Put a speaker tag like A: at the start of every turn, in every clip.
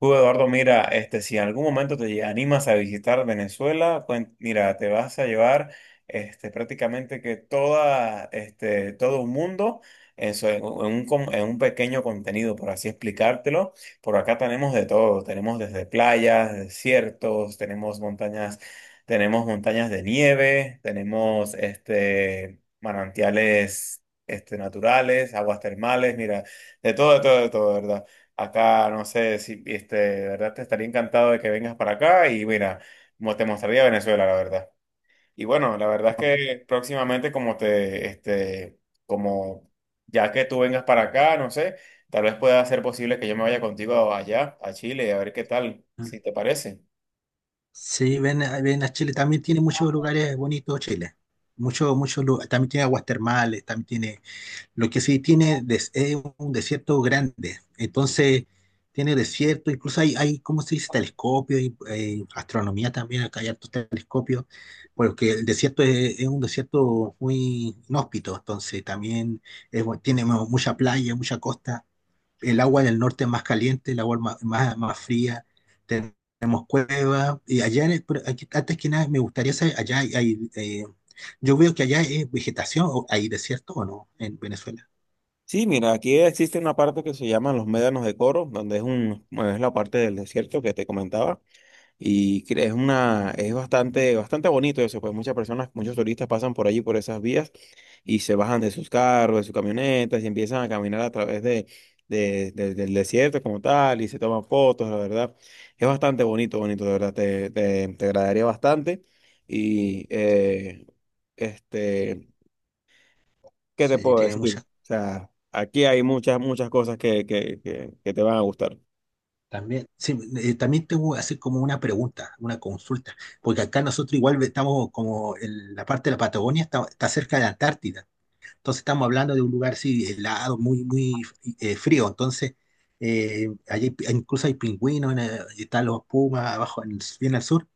A: Eduardo, mira, este, si en algún momento animas a visitar Venezuela, mira, te vas a llevar este, prácticamente que toda, este, todo un mundo en un, en un pequeño contenido, por así explicártelo. Por acá tenemos de todo, tenemos desde playas, desiertos, tenemos montañas de nieve, tenemos este, manantiales este, naturales, aguas termales, mira, de todo, de todo, de todo, ¿verdad? Acá, no sé si, este, de verdad te estaría encantado de que vengas para acá y mira, te mostraría Venezuela, la verdad. Y bueno, la verdad es que próximamente como te, este, como ya que tú vengas para acá, no sé, tal vez pueda ser posible que yo me vaya contigo allá, a Chile, y a ver qué tal, si te parece.
B: Sí, ven, ven a Chile. También tiene muchos lugares bonitos Chile. Muchos, muchos. También tiene aguas termales, también tiene. Lo que sí tiene es un desierto grande. Entonces, tiene desierto, incluso hay ¿cómo se dice? Telescopios, y, astronomía también, acá hay hartos telescopios, porque el desierto es un desierto muy inhóspito, entonces también tiene mucha playa, mucha costa. El agua en el norte es más caliente, el agua es más fría, tenemos cuevas, y allá, en el- pero aquí- antes que nada, me gustaría saber, allá hay, yo veo que allá es vegetación, o hay desierto o no, en Venezuela.
A: Sí, mira, aquí existe una parte que se llama los médanos de Coro, donde es un, es la parte del desierto que te comentaba. Es una, es bastante, bastante bonito eso, pues muchas personas, muchos turistas pasan por allí, por esas vías, y se bajan de sus carros, de sus camionetas, y empiezan a caminar a través de, del desierto como tal, y se toman fotos, la verdad. Es bastante bonito, bonito, de verdad, te agradaría bastante. Y, este, ¿qué te
B: Sí,
A: puedo
B: tiene
A: decir?
B: muchas.
A: O sea, aquí hay muchas, muchas cosas que, que te van a gustar.
B: También, sí, también te voy a hacer como una pregunta, una consulta, porque acá nosotros igual estamos como en la parte de la Patagonia, está cerca de la Antártida. Entonces estamos hablando de un lugar sí, helado, muy frío. Entonces, incluso hay pingüinos, y están los pumas abajo, bien al sur.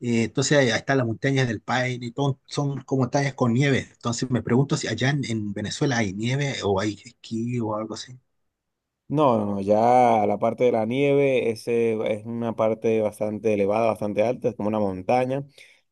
B: Entonces, ahí están las montañas del Paine, y todo, son como montañas con nieve. Entonces, me pregunto si allá en Venezuela hay nieve o hay esquí o algo así.
A: No, no, no, ya la parte de la nieve, ese es una parte bastante elevada, bastante alta, es como una montaña.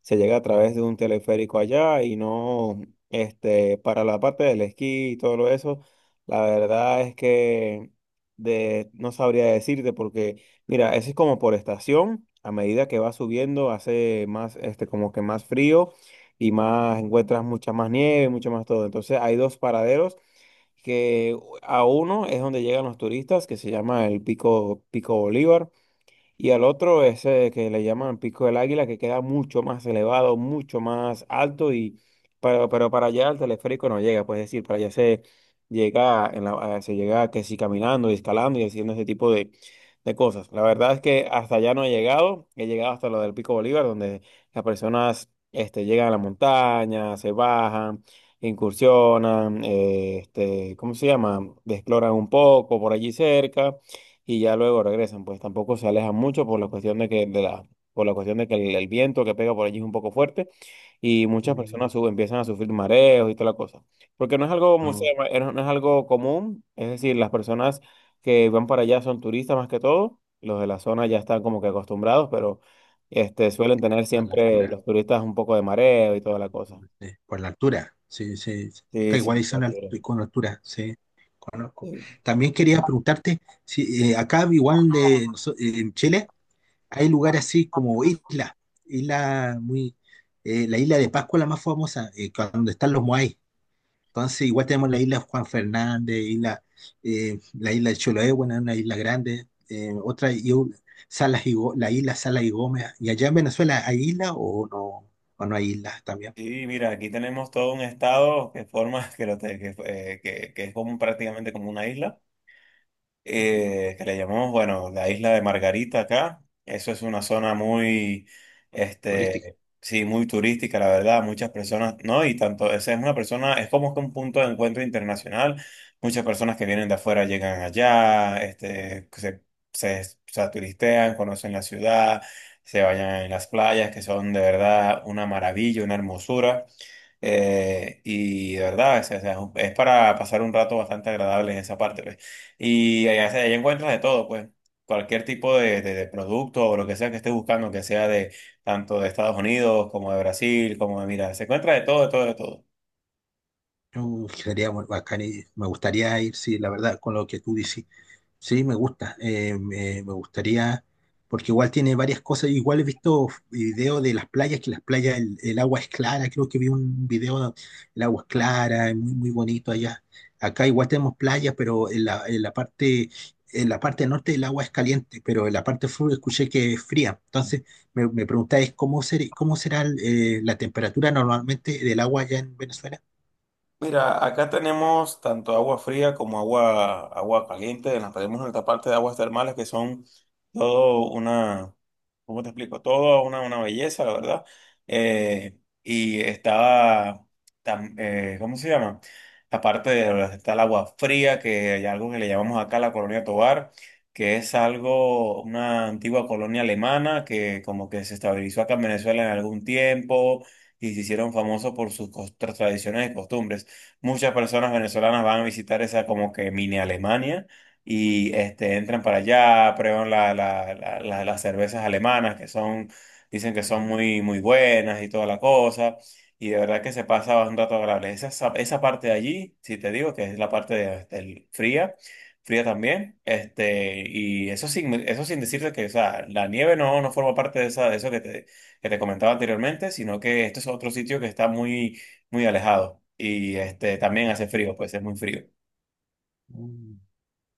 A: Se llega a través de un teleférico allá y no, este, para la parte del esquí y todo lo eso, la verdad es que no sabría decirte porque, mira, eso es como por estación, a medida que va subiendo hace más, este, como que más frío y más, encuentras mucha más nieve, mucho más todo. Entonces hay dos paraderos que a uno es donde llegan los turistas, que se llama el Pico, Pico Bolívar. Y al otro, ese que le llaman Pico del Águila, que queda mucho más elevado, mucho más alto, y pero para allá el teleférico no llega, pues es decir, para allá se llega, se llega que sí caminando y escalando y haciendo ese tipo de cosas. La verdad es que hasta allá no he llegado, he llegado hasta lo del Pico Bolívar, donde las personas este, llegan a la montaña, se bajan, incursionan, este, ¿cómo se llama? Exploran un poco por allí cerca y ya luego regresan, pues tampoco se alejan mucho por la cuestión de que de la por la cuestión de que el viento que pega por allí es un poco fuerte y muchas personas
B: Mm,
A: empiezan a sufrir mareos y toda la cosa. Porque no es algo como se
B: no,
A: llama, no es algo común, es decir, las personas que van para allá son turistas más que todo, los de la zona ya están como que acostumbrados, pero este suelen tener
B: a la
A: siempre
B: altura.
A: los turistas un poco de mareo y toda la cosa.
B: Por la altura, sí, sí, sí. Acá
A: Sí,
B: igual
A: sí,
B: hay zona
A: Arturo.
B: alt- con altura, sí, conozco. También quería preguntarte si acá igual en Chile hay lugares así como islas, isla muy, la isla de Pascua la más famosa, donde están los Moai. Entonces igual tenemos la isla Juan Fernández, isla, la isla de Chiloé, bueno, es una isla grande, otra, la isla Salas y Gómez. ¿Y allá en Venezuela hay isla o no hay islas también?
A: Sí, mira, aquí tenemos todo un estado que forma, que, que, que es como prácticamente como una isla que le llamamos, bueno, la isla de Margarita acá. Eso es una zona muy,
B: Turística.
A: este, sí, muy turística, la verdad. Muchas personas, ¿no? Y tanto, esa es una persona, es como que un punto de encuentro internacional. Muchas personas que vienen de afuera llegan allá, este, o sea, turistean, conocen la ciudad, se bañan en las playas, que son de verdad una maravilla, una hermosura. Y de verdad, es para pasar un rato bastante agradable en esa parte. Y allá, allá encuentras de todo, pues. Cualquier tipo de, de producto o lo que sea que estés buscando, que sea de tanto de Estados Unidos como de Brasil, como de, mira, se encuentra de todo, de todo, de todo.
B: Sería muy bacán y me gustaría ir, sí, la verdad, con lo que tú dices. Sí, me gusta, me gustaría, porque igual tiene varias cosas. Igual he visto videos de las playas, que las playas, el agua es clara. Creo que vi un video, donde el agua es clara, es muy bonito allá. Acá igual tenemos playas, pero en la parte norte el agua es caliente, pero en la parte sur escuché que es fría. Entonces, me preguntáis cómo ser, cómo será la temperatura normalmente del agua allá en Venezuela.
A: Mira, acá tenemos tanto agua fría como agua caliente. Nos tenemos nuestra parte de aguas termales que son todo una. ¿Cómo te explico? Todo una belleza, la verdad. Y estaba, ¿cómo se llama? Aparte de donde está el agua fría, que hay algo que le llamamos acá la Colonia Tovar, que es algo, una antigua colonia alemana que como que se estabilizó acá en Venezuela en algún tiempo y se hicieron famosos por sus tradiciones y costumbres. Muchas personas venezolanas van a visitar esa como que mini Alemania y este, entran para allá, prueban las cervezas alemanas que son, dicen que son muy, muy buenas y toda la cosa. Y de verdad que se pasa un rato agradable. Esa esa parte de allí, si te digo que es la parte del fría, fría también. Este, y eso sin decirte que, o sea, la nieve no, no forma parte de, esa, de eso que te comentaba anteriormente, sino que este es otro sitio que está muy, muy alejado. Y este, también hace frío, pues es muy frío.
B: Mm,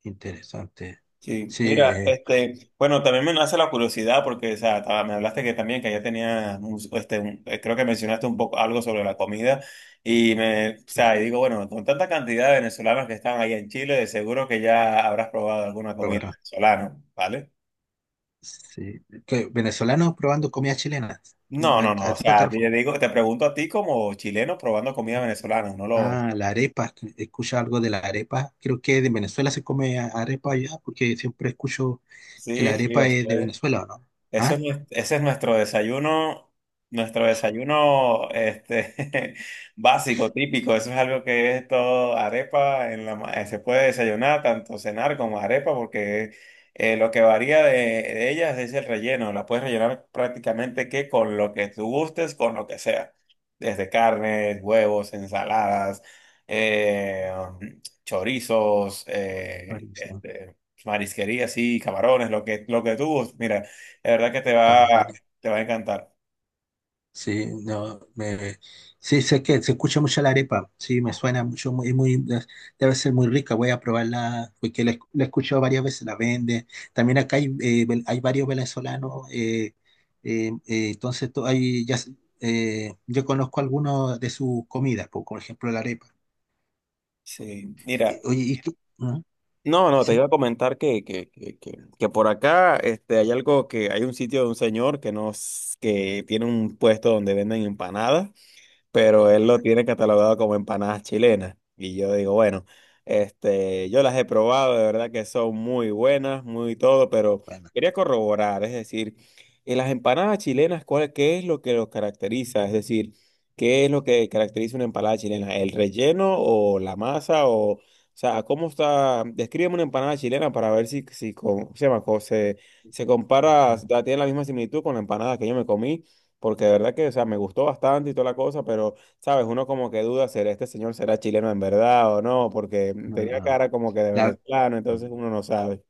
B: interesante.
A: Sí,
B: Sí,
A: mira, este, bueno, también me nace la curiosidad porque, o sea, me hablaste que también que ya tenía, este, creo que mencionaste un poco algo sobre la comida y me, o
B: sí,
A: sea, y digo, bueno, con tanta cantidad de venezolanos que están ahí en Chile, de seguro que ya habrás probado alguna comida
B: probará.
A: venezolana, ¿vale?
B: Sí. Que Venezolanos probando comida chilena.
A: No, no,
B: ¿A
A: no, o
B: eso te
A: sea, te
B: refieres?
A: digo, te pregunto a ti como chileno probando comida venezolana, no lo,
B: Ah, la arepa. Escucha algo de la arepa. Creo que de Venezuela se come arepa allá porque siempre escucho que la
A: sí, sí,
B: arepa
A: eso
B: es de
A: es.
B: Venezuela, ¿o no?
A: Eso es,
B: Ah,
A: ese es nuestro desayuno este, básico, típico. Eso es algo que es todo arepa. Se puede desayunar, tanto cenar como arepa, porque lo que varía de ellas es el relleno. La puedes rellenar prácticamente que con lo que tú gustes, con lo que sea. Desde carnes, huevos, ensaladas, eh, chorizos,
B: chorizo,
A: este, marisquería, sí, camarones, lo que tú gustes. Mira. La verdad que
B: camarones.
A: te va a encantar.
B: Sí, no, me, sí, sé que se escucha mucho la arepa, sí, me suena mucho, muy, muy, debe ser muy rica, voy a probarla, porque la he escuchado varias veces, la vende. También acá hay, hay varios venezolanos, hay, ya, yo conozco algunos de sus comidas, po, por, ejemplo la arepa.
A: Sí, mira.
B: Oye, ¿y qué? ¿Mm?
A: No, no, te iba
B: ¿Sí?
A: a comentar que por acá este, hay algo que hay un sitio de un señor que tiene un puesto donde venden empanadas, pero él lo
B: Bueno,
A: tiene catalogado como empanadas chilenas. Y yo digo, bueno, este, yo las he probado, de verdad que son muy buenas, muy todo, pero
B: bueno,
A: quería corroborar, es decir, en las empanadas chilenas, ¿cuál, qué es lo que los caracteriza? Es decir, ¿qué es lo que caracteriza una empanada chilena? ¿El relleno o la masa o sea, cómo está? Descríbeme una empanada chilena para ver si, si, se se compara, tiene la misma similitud con la empanada que yo me comí, porque de verdad que, o sea, me gustó bastante y toda la cosa, pero, ¿sabes? Uno como que duda, ¿será este señor será chileno en verdad o no? Porque
B: no, no,
A: tenía
B: no,
A: cara como que de
B: la-
A: venezolano, entonces uno no sabe.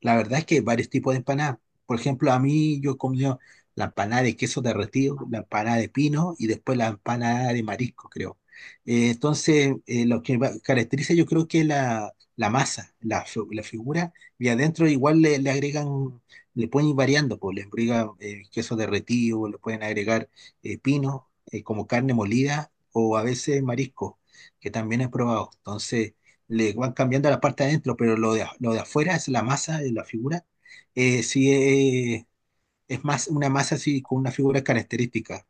B: La verdad es que hay varios tipos de empanadas. Por ejemplo, a mí yo he comido la empanada de queso derretido, la empanada de pino y después la empanada de marisco, creo. Entonces, lo que caracteriza yo creo que es la masa, la figura, y adentro igual le agregan, le pueden ir variando, pues, le agregan queso derretido, le pueden agregar pino, como carne molida o a veces marisco, que también he probado. Entonces, le van cambiando la parte de adentro, pero lo de afuera es la masa de la figura. eh, sí, eh, es más una masa así con una figura característica,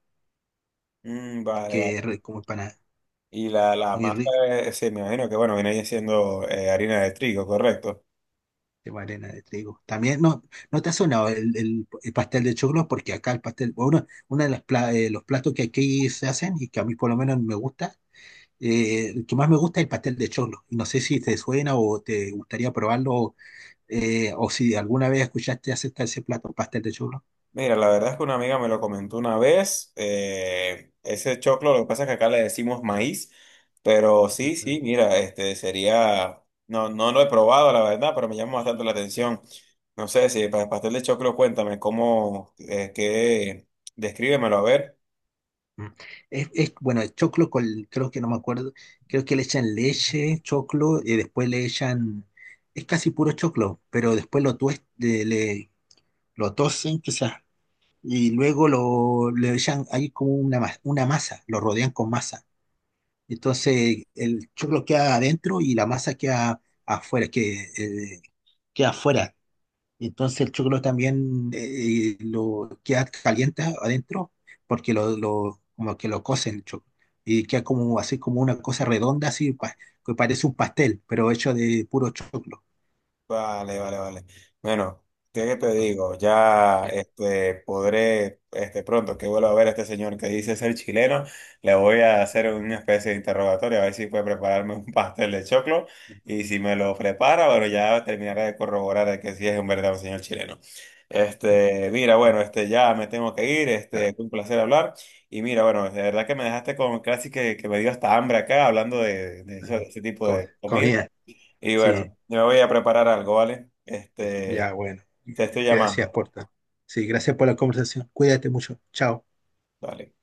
A: Mm, vale,
B: que es
A: vale.
B: re- como para
A: Y la
B: muy
A: masa,
B: rica,
A: sí, me imagino que, bueno, viene ahí siendo harina de trigo, ¿correcto?
B: de arena de trigo. También, no, no te ha sonado el pastel de choclo, porque acá el pastel, bueno, uno de los platos que aquí se hacen y que a mí por lo menos me gusta, el que más me gusta es el pastel de choclo. Y no sé si te suena o te gustaría probarlo, o si alguna vez escuchaste acerca de ese plato, pastel de choclo.
A: Mira, la verdad es que una amiga me lo comentó una vez. Ese choclo, lo que pasa es que acá le decimos maíz, pero sí, sí, mira, este sería, no, no lo he probado, la verdad, pero me llama bastante la atención. No sé si para el pastel de choclo, cuéntame cómo, descríbemelo a ver.
B: Mm. Bueno, el choclo con, creo que no me acuerdo, creo que le echan leche, choclo, y después le echan, es casi puro choclo, pero después lo tues- le- lo tosen quizás, y luego le echan, hay como una, una masa, lo rodean con masa. Entonces el choclo queda adentro y la masa queda afuera, que, queda afuera. Entonces el choclo también lo queda caliente adentro porque como que lo cocen el choclo. Y queda como así como una cosa redonda, que parece un pastel, pero hecho de puro choclo.
A: Vale, vale, vale. Bueno, ¿qué te digo? Ya
B: Ya,
A: este, podré, este, pronto que vuelva a ver a este señor que dice ser chileno, le voy a hacer una especie de interrogatorio a ver si puede prepararme un pastel de choclo, y si me lo prepara, bueno, ya terminaré de corroborar de que sí es un verdadero señor chileno. Este, mira, bueno, este, ya me tengo que ir,
B: ya,
A: este, fue un placer hablar y mira, bueno, de verdad que me dejaste con casi que me dio hasta hambre acá hablando de,
B: ah,
A: de ese tipo de comida.
B: comida,
A: Y
B: sí,
A: bueno, yo me voy a preparar algo, ¿vale?
B: sí, ya
A: Este,
B: bueno.
A: te estoy
B: Gracias
A: llamando.
B: por todo. Sí, gracias por la conversación. Cuídate mucho. Chao.
A: Dale.